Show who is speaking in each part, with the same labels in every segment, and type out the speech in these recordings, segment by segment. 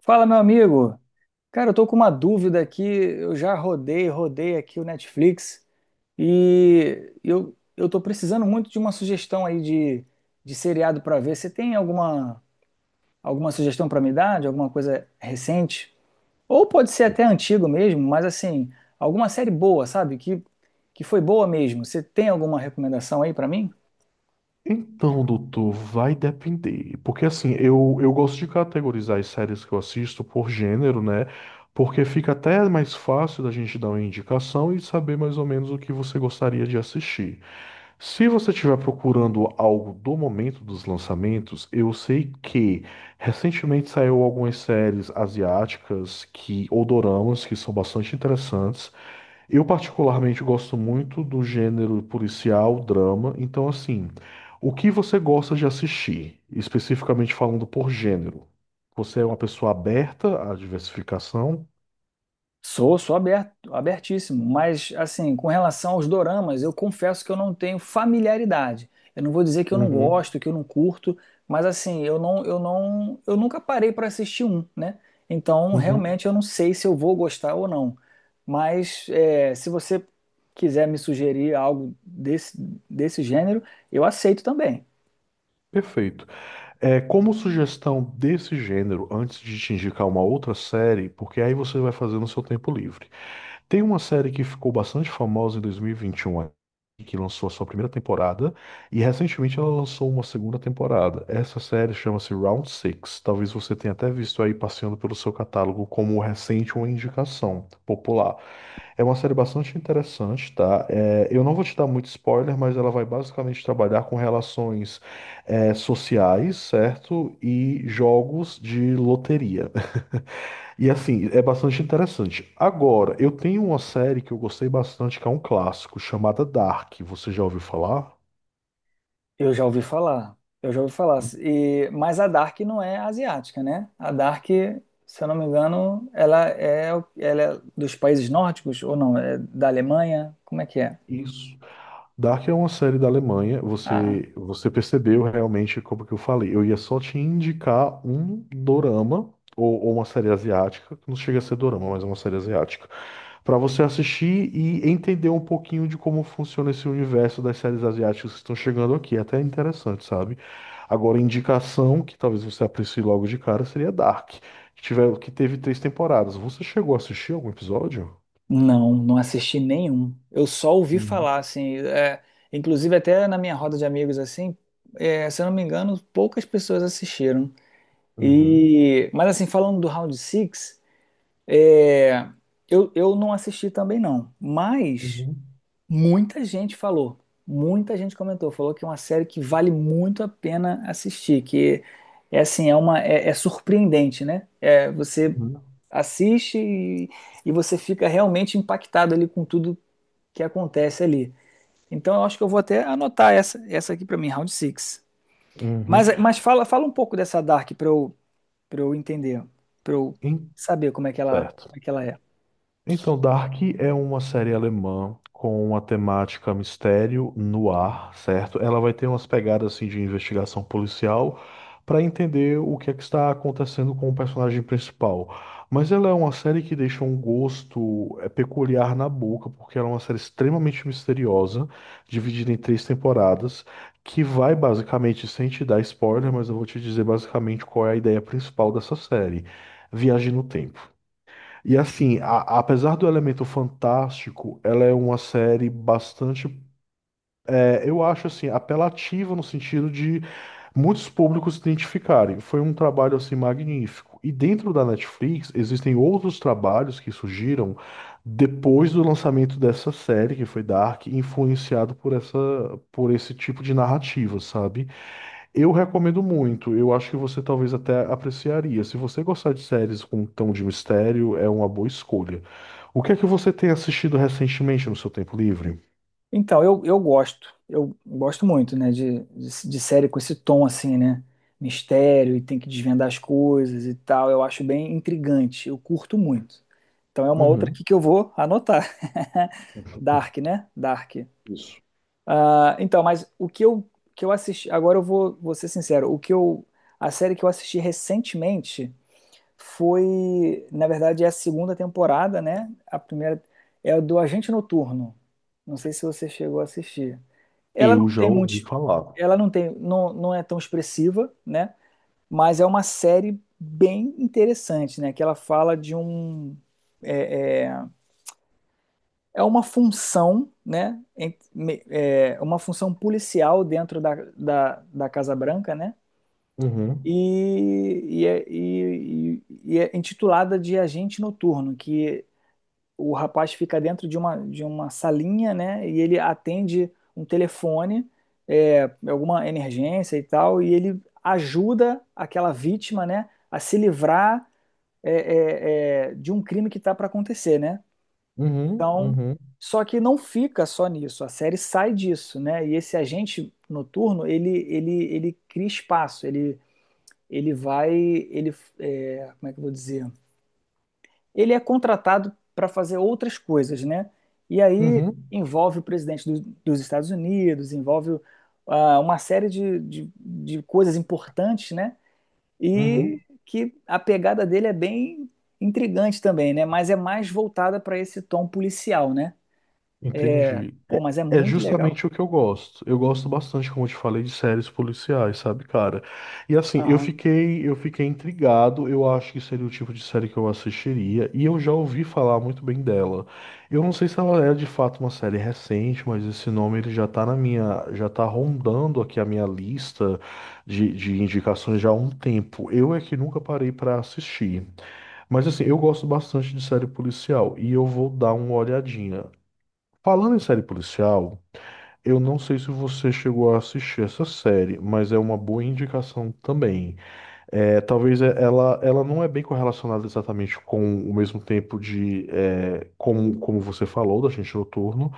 Speaker 1: Fala, meu amigo. Cara, eu tô com uma dúvida aqui. Eu já rodei aqui o Netflix e eu tô precisando muito de uma sugestão aí de seriado pra ver. Você tem alguma sugestão pra me dar de alguma coisa recente? Ou pode ser até antigo mesmo, mas assim, alguma série boa, sabe? Que foi boa mesmo. Você tem alguma recomendação aí pra mim?
Speaker 2: Então, doutor, vai depender. Porque assim, eu gosto de categorizar as séries que eu assisto por gênero, né? Porque fica até mais fácil da gente dar uma indicação e saber mais ou menos o que você gostaria de assistir. Se você estiver procurando algo do momento dos lançamentos, eu sei que recentemente saiu algumas séries asiáticas ou doramas que são bastante interessantes. Eu particularmente gosto muito do gênero policial, drama, então assim, o que você gosta de assistir, especificamente falando por gênero? Você é uma pessoa aberta à diversificação?
Speaker 1: Sou aberto, abertíssimo, mas assim, com relação aos doramas, eu confesso que eu não tenho familiaridade. Eu não vou dizer que eu não
Speaker 2: Uhum,
Speaker 1: gosto, que eu não curto, mas assim, eu não, eu nunca parei para assistir um, né? Então,
Speaker 2: uhum,
Speaker 1: realmente eu não sei se eu vou gostar ou não. Mas é, se você quiser me sugerir algo desse gênero, eu aceito também.
Speaker 2: perfeito. É, como sugestão desse gênero, antes de te indicar uma outra série, porque aí você vai fazer no seu tempo livre. Tem uma série que ficou bastante famosa em 2021, aí, que lançou a sua primeira temporada, e recentemente ela lançou uma segunda temporada. Essa série chama-se Round Six. Talvez você tenha até visto aí passeando pelo seu catálogo como recente uma indicação popular. É uma série bastante interessante, tá? É, eu não vou te dar muito spoiler, mas ela vai basicamente trabalhar com relações, sociais, certo? E jogos de loteria. E assim, é bastante interessante. Agora, eu tenho uma série que eu gostei bastante, que é um clássico, chamada Dark. Você já ouviu falar?
Speaker 1: Eu já ouvi falar. E, mas a Dark não é asiática, né? A Dark, se eu não me engano, ela é dos países nórdicos, ou não, é da Alemanha? Como é que é?
Speaker 2: Isso. Dark é uma série da Alemanha.
Speaker 1: Ah,
Speaker 2: Você percebeu realmente como que eu falei. Eu ia só te indicar um dorama ou uma série asiática, que não chega a ser dorama, mas é uma série asiática, para você assistir e entender um pouquinho de como funciona esse universo das séries asiáticas que estão chegando aqui. É até interessante, sabe? Agora, indicação que talvez você aprecie logo de cara seria Dark, que teve três temporadas. Você chegou a assistir algum episódio?
Speaker 1: não, não assisti nenhum. Eu só ouvi
Speaker 2: Uhum.
Speaker 1: falar, assim, é, inclusive até na minha roda de amigos, assim, é, se eu não me engano, poucas pessoas assistiram.
Speaker 2: Uhum.
Speaker 1: E, mas assim, falando do Round Six, é, eu não assisti também não, mas...
Speaker 2: Uhum.
Speaker 1: Muita gente falou, muita gente comentou, falou que é uma série que vale muito a pena assistir, que é assim, é surpreendente, né? É, você
Speaker 2: Uhum.
Speaker 1: assiste e você fica realmente impactado ali com tudo que acontece ali. Então eu acho que eu vou até anotar essa aqui pra mim, Round Six.
Speaker 2: Uhum.
Speaker 1: Mas fala um pouco dessa Dark pra eu para eu entender, pra eu saber
Speaker 2: Certo.
Speaker 1: como é que ela é.
Speaker 2: Então, Dark é uma série alemã com uma temática mistério no ar, certo? Ela vai ter umas pegadas assim de investigação policial para entender o que é que está acontecendo com o personagem principal. Mas ela é uma série que deixa um gosto peculiar na boca, porque ela é uma série extremamente misteriosa, dividida em três temporadas, que vai basicamente, sem te dar spoiler, mas eu vou te dizer basicamente qual é a ideia principal dessa série. Viagem no tempo. E assim, apesar do elemento fantástico, ela é uma série bastante, eu acho assim, apelativa no sentido de muitos públicos se identificarem. Foi um trabalho assim magnífico. E dentro da Netflix existem outros trabalhos que surgiram depois do lançamento dessa série, que foi Dark, influenciado por esse tipo de narrativa, sabe? Eu recomendo muito. Eu acho que você talvez até apreciaria. Se você gostar de séries com tom de mistério, é uma boa escolha. O que é que você tem assistido recentemente no seu tempo livre?
Speaker 1: Então, eu gosto muito, né, de série com esse tom assim, né, mistério e tem que desvendar as coisas e tal, eu acho bem intrigante, eu curto muito. Então é uma outra
Speaker 2: Uhum.
Speaker 1: aqui que eu vou anotar. Dark, né? Dark.
Speaker 2: Isso.
Speaker 1: Ah, então, mas que eu assisti, agora vou ser sincero, a série que eu assisti recentemente foi, na verdade, é a segunda temporada, né? A primeira é a do Agente Noturno. Não sei se você chegou a assistir. Ela
Speaker 2: Eu
Speaker 1: não
Speaker 2: já
Speaker 1: tem muito,
Speaker 2: ouvi falar.
Speaker 1: ela não tem, não, não é tão expressiva, né? Mas é uma série bem interessante, né? Que ela fala de um é, é, é uma função, né? É uma função policial dentro da Casa Branca, né?
Speaker 2: Uhum.
Speaker 1: E é intitulada de Agente Noturno, que o rapaz fica dentro de uma salinha, né? E ele atende um telefone, é, alguma emergência e tal, e ele ajuda aquela vítima, né, a se livrar de um crime que está para acontecer, né?
Speaker 2: Uhum.
Speaker 1: Então,
Speaker 2: Uhum.
Speaker 1: só que não fica só nisso, a série sai disso, né? E esse agente noturno, ele cria espaço, ele vai, ele, é, como é que eu vou dizer? Ele é contratado para fazer outras coisas, né? E aí
Speaker 2: Uhum.
Speaker 1: envolve o presidente dos Estados Unidos, envolve ah, uma série de coisas importantes, né? E
Speaker 2: Uhum.
Speaker 1: que a pegada dele é bem intrigante também, né? Mas é mais voltada para esse tom policial, né? É,
Speaker 2: Entendi.
Speaker 1: pô, mas é
Speaker 2: É
Speaker 1: muito legal.
Speaker 2: justamente o que eu gosto. Eu gosto bastante, como eu te falei, de séries policiais, sabe, cara? E assim, eu
Speaker 1: Aham.
Speaker 2: fiquei, eu fiquei intrigado. Eu acho que seria o tipo de série que eu assistiria, e eu já ouvi falar muito bem dela. Eu não sei se ela é de fato uma série recente, mas esse nome ele já tá na minha, já tá rondando aqui a minha lista de indicações já há um tempo. Eu é que nunca parei pra assistir. Mas assim, eu gosto bastante de série policial e eu vou dar uma olhadinha. Falando em série policial, eu não sei se você chegou a assistir essa série, mas é uma boa indicação também. É, talvez ela não é bem correlacionada exatamente com o mesmo tempo de é, como você falou da Gente Noturno,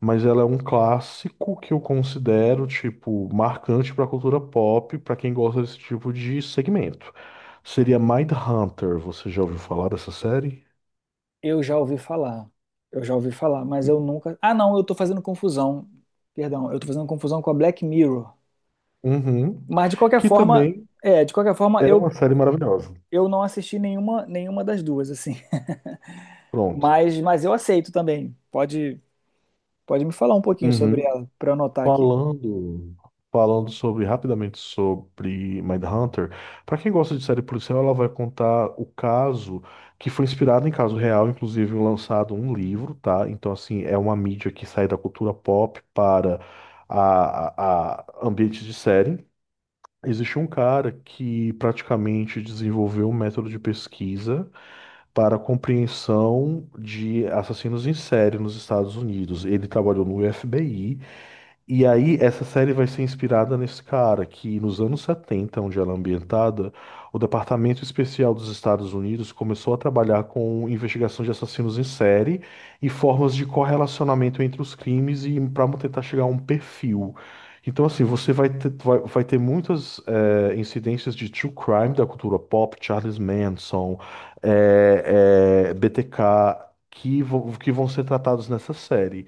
Speaker 2: mas ela é um clássico que eu considero tipo marcante para a cultura pop, para quem gosta desse tipo de segmento. Seria Mindhunter. Você já ouviu falar dessa série?
Speaker 1: Eu já ouvi falar. Eu já ouvi falar, mas eu nunca. Ah, não, eu tô fazendo confusão. Perdão, eu tô fazendo confusão com a Black Mirror.
Speaker 2: Uhum.
Speaker 1: Mas de qualquer
Speaker 2: Que
Speaker 1: forma,
Speaker 2: também
Speaker 1: é, de qualquer forma,
Speaker 2: é
Speaker 1: eu,
Speaker 2: uma série maravilhosa.
Speaker 1: eu não assisti nenhuma, nenhuma das duas, assim.
Speaker 2: Pronto.
Speaker 1: Mas eu aceito também. Pode me falar um pouquinho sobre
Speaker 2: Uhum.
Speaker 1: ela, para eu anotar aqui.
Speaker 2: Falando, falando sobre rapidamente sobre Mindhunter, para quem gosta de série policial, ela vai contar o caso que foi inspirado em caso real, inclusive lançado um livro, tá? Então assim, é uma mídia que sai da cultura pop para a ambiente de série. Existe um cara que praticamente desenvolveu um método de pesquisa para a compreensão de assassinos em série nos Estados Unidos. Ele trabalhou no FBI e aí, essa série vai ser inspirada nesse cara que, nos anos 70, onde ela é ambientada, o Departamento Especial dos Estados Unidos começou a trabalhar com investigação de assassinos em série e formas de correlacionamento entre os crimes e para tentar chegar a um perfil. Então, assim, você vai ter, vai ter muitas incidências de true crime da cultura pop, Charles Manson, BTK, que, que vão ser tratados nessa série.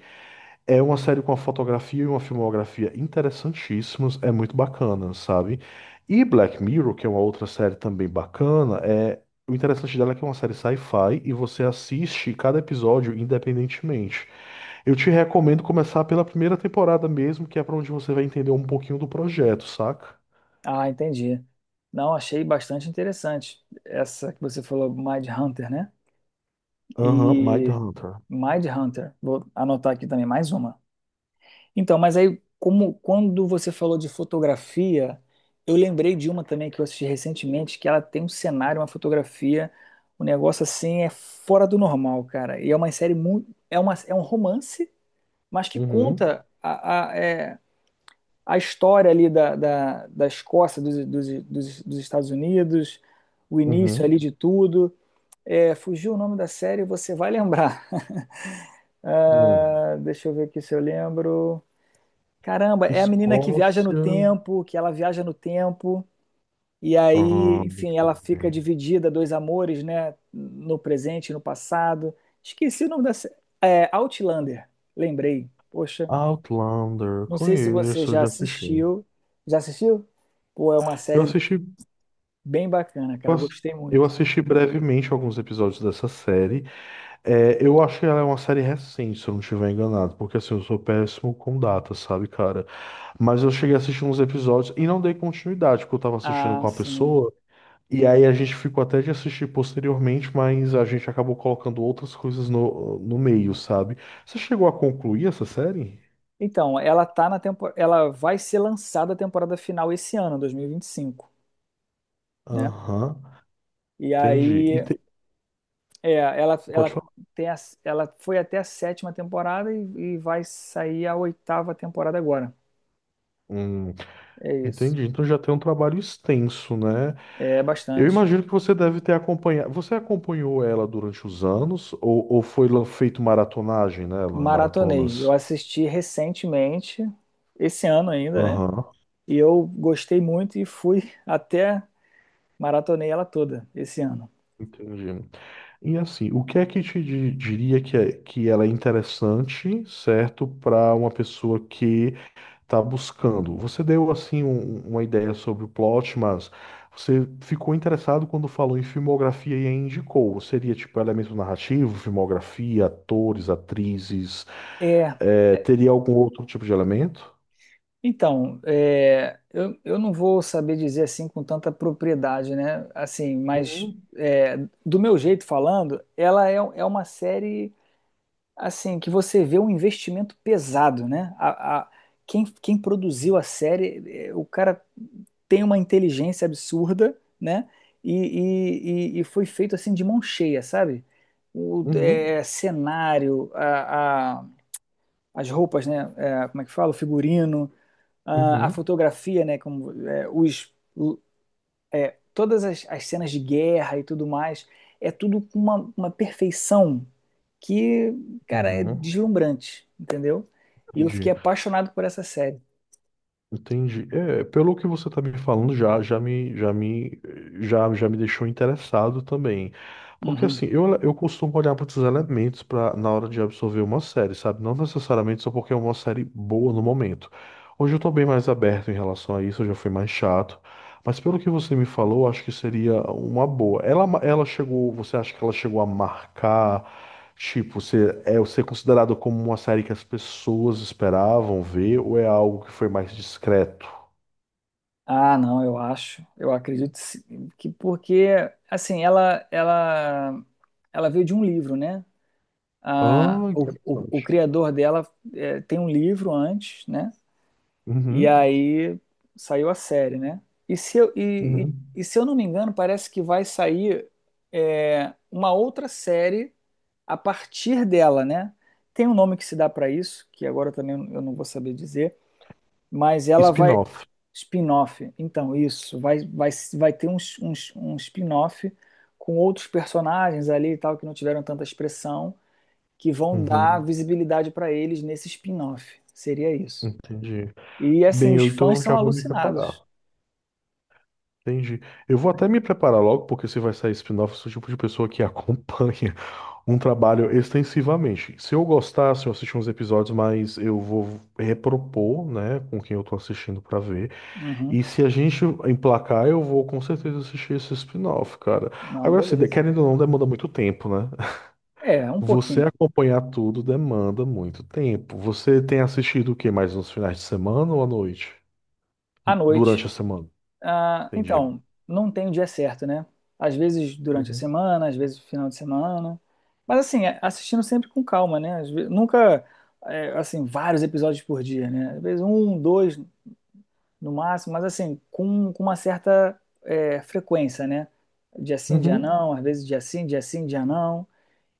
Speaker 2: É uma série com uma fotografia e uma filmografia interessantíssimos, é muito bacana, sabe? E Black Mirror, que é uma outra série também bacana, o interessante dela é que é uma série sci-fi e você assiste cada episódio independentemente. Eu te recomendo começar pela primeira temporada mesmo, que é pra onde você vai entender um pouquinho do projeto, saca?
Speaker 1: Ah, entendi. Não, achei bastante interessante. Essa que você falou, Mind Hunter, né?
Speaker 2: Aham,
Speaker 1: E
Speaker 2: Mindhunter.
Speaker 1: Mind Hunter. Vou anotar aqui também mais uma. Então, mas aí, como quando você falou de fotografia, eu lembrei de uma também que eu assisti recentemente, que ela tem um cenário, uma fotografia, um negócio assim é fora do normal, cara. E é uma série muito, é uma, é um romance, mas que
Speaker 2: Uhum,
Speaker 1: conta a história ali da Escócia, dos Estados Unidos, o início ali
Speaker 2: uhum,
Speaker 1: de tudo. É, fugiu o nome da série, você vai lembrar.
Speaker 2: uhum.
Speaker 1: Ah, deixa eu ver aqui se eu lembro. Caramba, é a menina
Speaker 2: Escócia.
Speaker 1: que ela viaja no tempo, e aí,
Speaker 2: Aham, deixa
Speaker 1: enfim, ela
Speaker 2: eu
Speaker 1: fica
Speaker 2: ver.
Speaker 1: dividida, dois amores, né? No presente e no passado. Esqueci o nome da. Série. É, Outlander, lembrei. Poxa,
Speaker 2: Outlander,
Speaker 1: não sei se você
Speaker 2: conheço,
Speaker 1: já
Speaker 2: já assisti.
Speaker 1: assistiu. Já assistiu? Pô, é uma
Speaker 2: Eu
Speaker 1: série
Speaker 2: assisti,
Speaker 1: bem bacana, cara,
Speaker 2: bas-
Speaker 1: gostei
Speaker 2: eu
Speaker 1: muito.
Speaker 2: assisti brevemente alguns episódios dessa série. É, eu acho que ela é uma série recente, se eu não estiver enganado, porque assim, eu sou péssimo com datas, sabe, cara? Mas eu cheguei a assistir uns episódios e não dei continuidade, porque eu tava assistindo
Speaker 1: Ah,
Speaker 2: com a
Speaker 1: sim.
Speaker 2: pessoa, e aí a gente ficou até de assistir posteriormente, mas a gente acabou colocando outras coisas no meio, sabe? Você chegou a concluir essa série?
Speaker 1: Então, ela tá na tempo... ela vai ser lançada a temporada final esse ano, 2025, né?
Speaker 2: Aham,
Speaker 1: E
Speaker 2: entendi.
Speaker 1: aí. É,
Speaker 2: Pode falar.
Speaker 1: tem a- ela foi até a sétima temporada e vai sair a oitava temporada agora.
Speaker 2: Hum,
Speaker 1: É isso.
Speaker 2: entendi. Então já tem um trabalho extenso, né?
Speaker 1: É
Speaker 2: Eu
Speaker 1: bastante.
Speaker 2: imagino que você deve ter acompanhado. Você acompanhou ela durante os anos ou foi feito maratonagem nela,
Speaker 1: Maratonei. Eu
Speaker 2: maratonas?
Speaker 1: assisti recentemente, esse ano ainda, né?
Speaker 2: Aham,
Speaker 1: E eu gostei muito e fui até maratonei ela toda esse ano.
Speaker 2: entendi. E assim, o que é que te diria que, é, que ela é interessante, certo, para uma pessoa que está buscando? Você deu assim uma ideia sobre o plot, mas você ficou interessado quando falou em filmografia e aí indicou. Seria tipo elemento narrativo, filmografia, atores, atrizes.
Speaker 1: É,
Speaker 2: É, teria algum outro tipo de elemento?
Speaker 1: então, é, eu não vou saber dizer assim com tanta propriedade, né? Assim, mas
Speaker 2: Uhum,
Speaker 1: é, do meu jeito falando, é uma série assim, que você vê um investimento pesado, né? Quem, quem produziu a série, eh, o cara tem uma inteligência absurda, né? E foi feito assim de mão cheia, sabe? O
Speaker 2: uhum,
Speaker 1: eh, as roupas, né? Eh, como é que fala? O figurino, a
Speaker 2: uhum,
Speaker 1: fotografia, né? Como, eh, os todas as cenas de guerra e tudo mais, é tudo com uma perfeição que, cara, é
Speaker 2: uhum.
Speaker 1: deslumbrante, entendeu? E eu fiquei
Speaker 2: Entendi,
Speaker 1: apaixonado por essa série.
Speaker 2: entendi. É, pelo que você está me falando, já me deixou interessado também. Porque
Speaker 1: Uhum.
Speaker 2: assim, eu costumo olhar para outros elementos pra, na hora de absorver uma série, sabe? Não necessariamente só porque é uma série boa no momento. Hoje eu estou bem mais aberto em relação a isso, eu já fui mais chato. Mas pelo que você me falou, acho que seria uma boa. Ela chegou, você acha que ela chegou a marcar? Tipo, você é ser considerado como uma série que as pessoas esperavam ver ou é algo que foi mais discreto?
Speaker 1: Ah, não, eu acho, eu acredito sim, que porque, assim, ela veio de um livro, né? Ah,
Speaker 2: Ah,
Speaker 1: o
Speaker 2: interessante.
Speaker 1: criador dela eh, tem um livro antes, né? E
Speaker 2: Uhum,
Speaker 1: aí saiu a série, né?
Speaker 2: uhum.
Speaker 1: E se eu não me engano, parece que vai sair é, uma outra série a partir dela, né? Tem um nome que se dá para isso, que agora também eu não vou saber dizer, mas ela vai.
Speaker 2: Spin-off.
Speaker 1: Spin-off. Então, isso. Vai ter um spin-off com outros personagens ali e tal, que não tiveram tanta expressão, que vão dar
Speaker 2: Uhum,
Speaker 1: visibilidade para eles nesse spin-off. Seria isso.
Speaker 2: entendi.
Speaker 1: E assim,
Speaker 2: Bem,
Speaker 1: os
Speaker 2: eu
Speaker 1: fãs
Speaker 2: então
Speaker 1: são
Speaker 2: já vou me preparar.
Speaker 1: alucinados.
Speaker 2: Entendi. Eu vou até me preparar logo, porque se vai sair spin-off, eu sou o tipo de pessoa que acompanha um trabalho extensivamente. Se eu gostasse, eu assisti uns episódios, mas eu vou repropor, né, com quem eu tô assistindo pra ver.
Speaker 1: Uhum.
Speaker 2: E se a gente emplacar, eu vou com certeza assistir esse spin-off, cara.
Speaker 1: Não,
Speaker 2: Agora, assim,
Speaker 1: beleza.
Speaker 2: querendo ou não, demanda muito tempo, né?
Speaker 1: É, um
Speaker 2: Você
Speaker 1: pouquinho.
Speaker 2: acompanhar tudo demanda muito tempo. Você tem assistido o que mais nos finais de semana ou à noite?
Speaker 1: À noite.
Speaker 2: Durante a semana?
Speaker 1: Ah,
Speaker 2: Entendi.
Speaker 1: então, não tem o dia certo, né? Às vezes durante a
Speaker 2: Uhum.
Speaker 1: semana, às vezes no final de semana. Mas assim, é- assistindo sempre com calma, né? Às ve- nunca, é, assim, vários episódios por dia, né? Às vezes um, dois no máximo, mas assim, com uma certa, é, frequência, né? Dia sim, dia
Speaker 2: Uhum.
Speaker 1: não, às vezes dia sim, dia sim, dia não.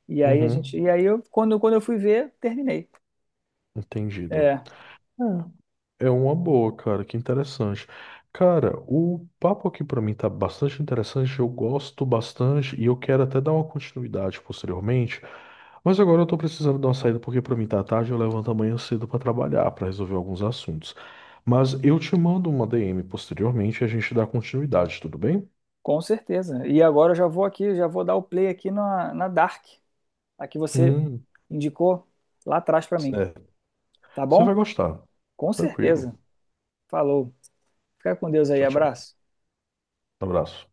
Speaker 1: E aí a
Speaker 2: Uhum.
Speaker 1: gente. E aí eu, quando eu fui ver, terminei.
Speaker 2: Entendido.
Speaker 1: É.
Speaker 2: É uma boa, cara, que interessante. Cara, o papo aqui pra mim tá bastante interessante, eu gosto bastante e eu quero até dar uma continuidade posteriormente. Mas agora eu tô precisando dar uma saída porque pra mim tá tarde, eu levanto amanhã cedo pra trabalhar, pra resolver alguns assuntos. Mas eu te mando uma DM posteriormente e a gente dá continuidade, tudo bem?
Speaker 1: Com certeza. E agora eu já vou aqui, já vou dar o play aqui na Dark, a que você
Speaker 2: Hum,
Speaker 1: indicou lá atrás pra mim,
Speaker 2: é.
Speaker 1: tá
Speaker 2: Você vai
Speaker 1: bom?
Speaker 2: gostar.
Speaker 1: Com certeza.
Speaker 2: Tranquilo.
Speaker 1: Falou. Fica com Deus aí,
Speaker 2: Tchau, tchau.
Speaker 1: abraço.
Speaker 2: Abraço.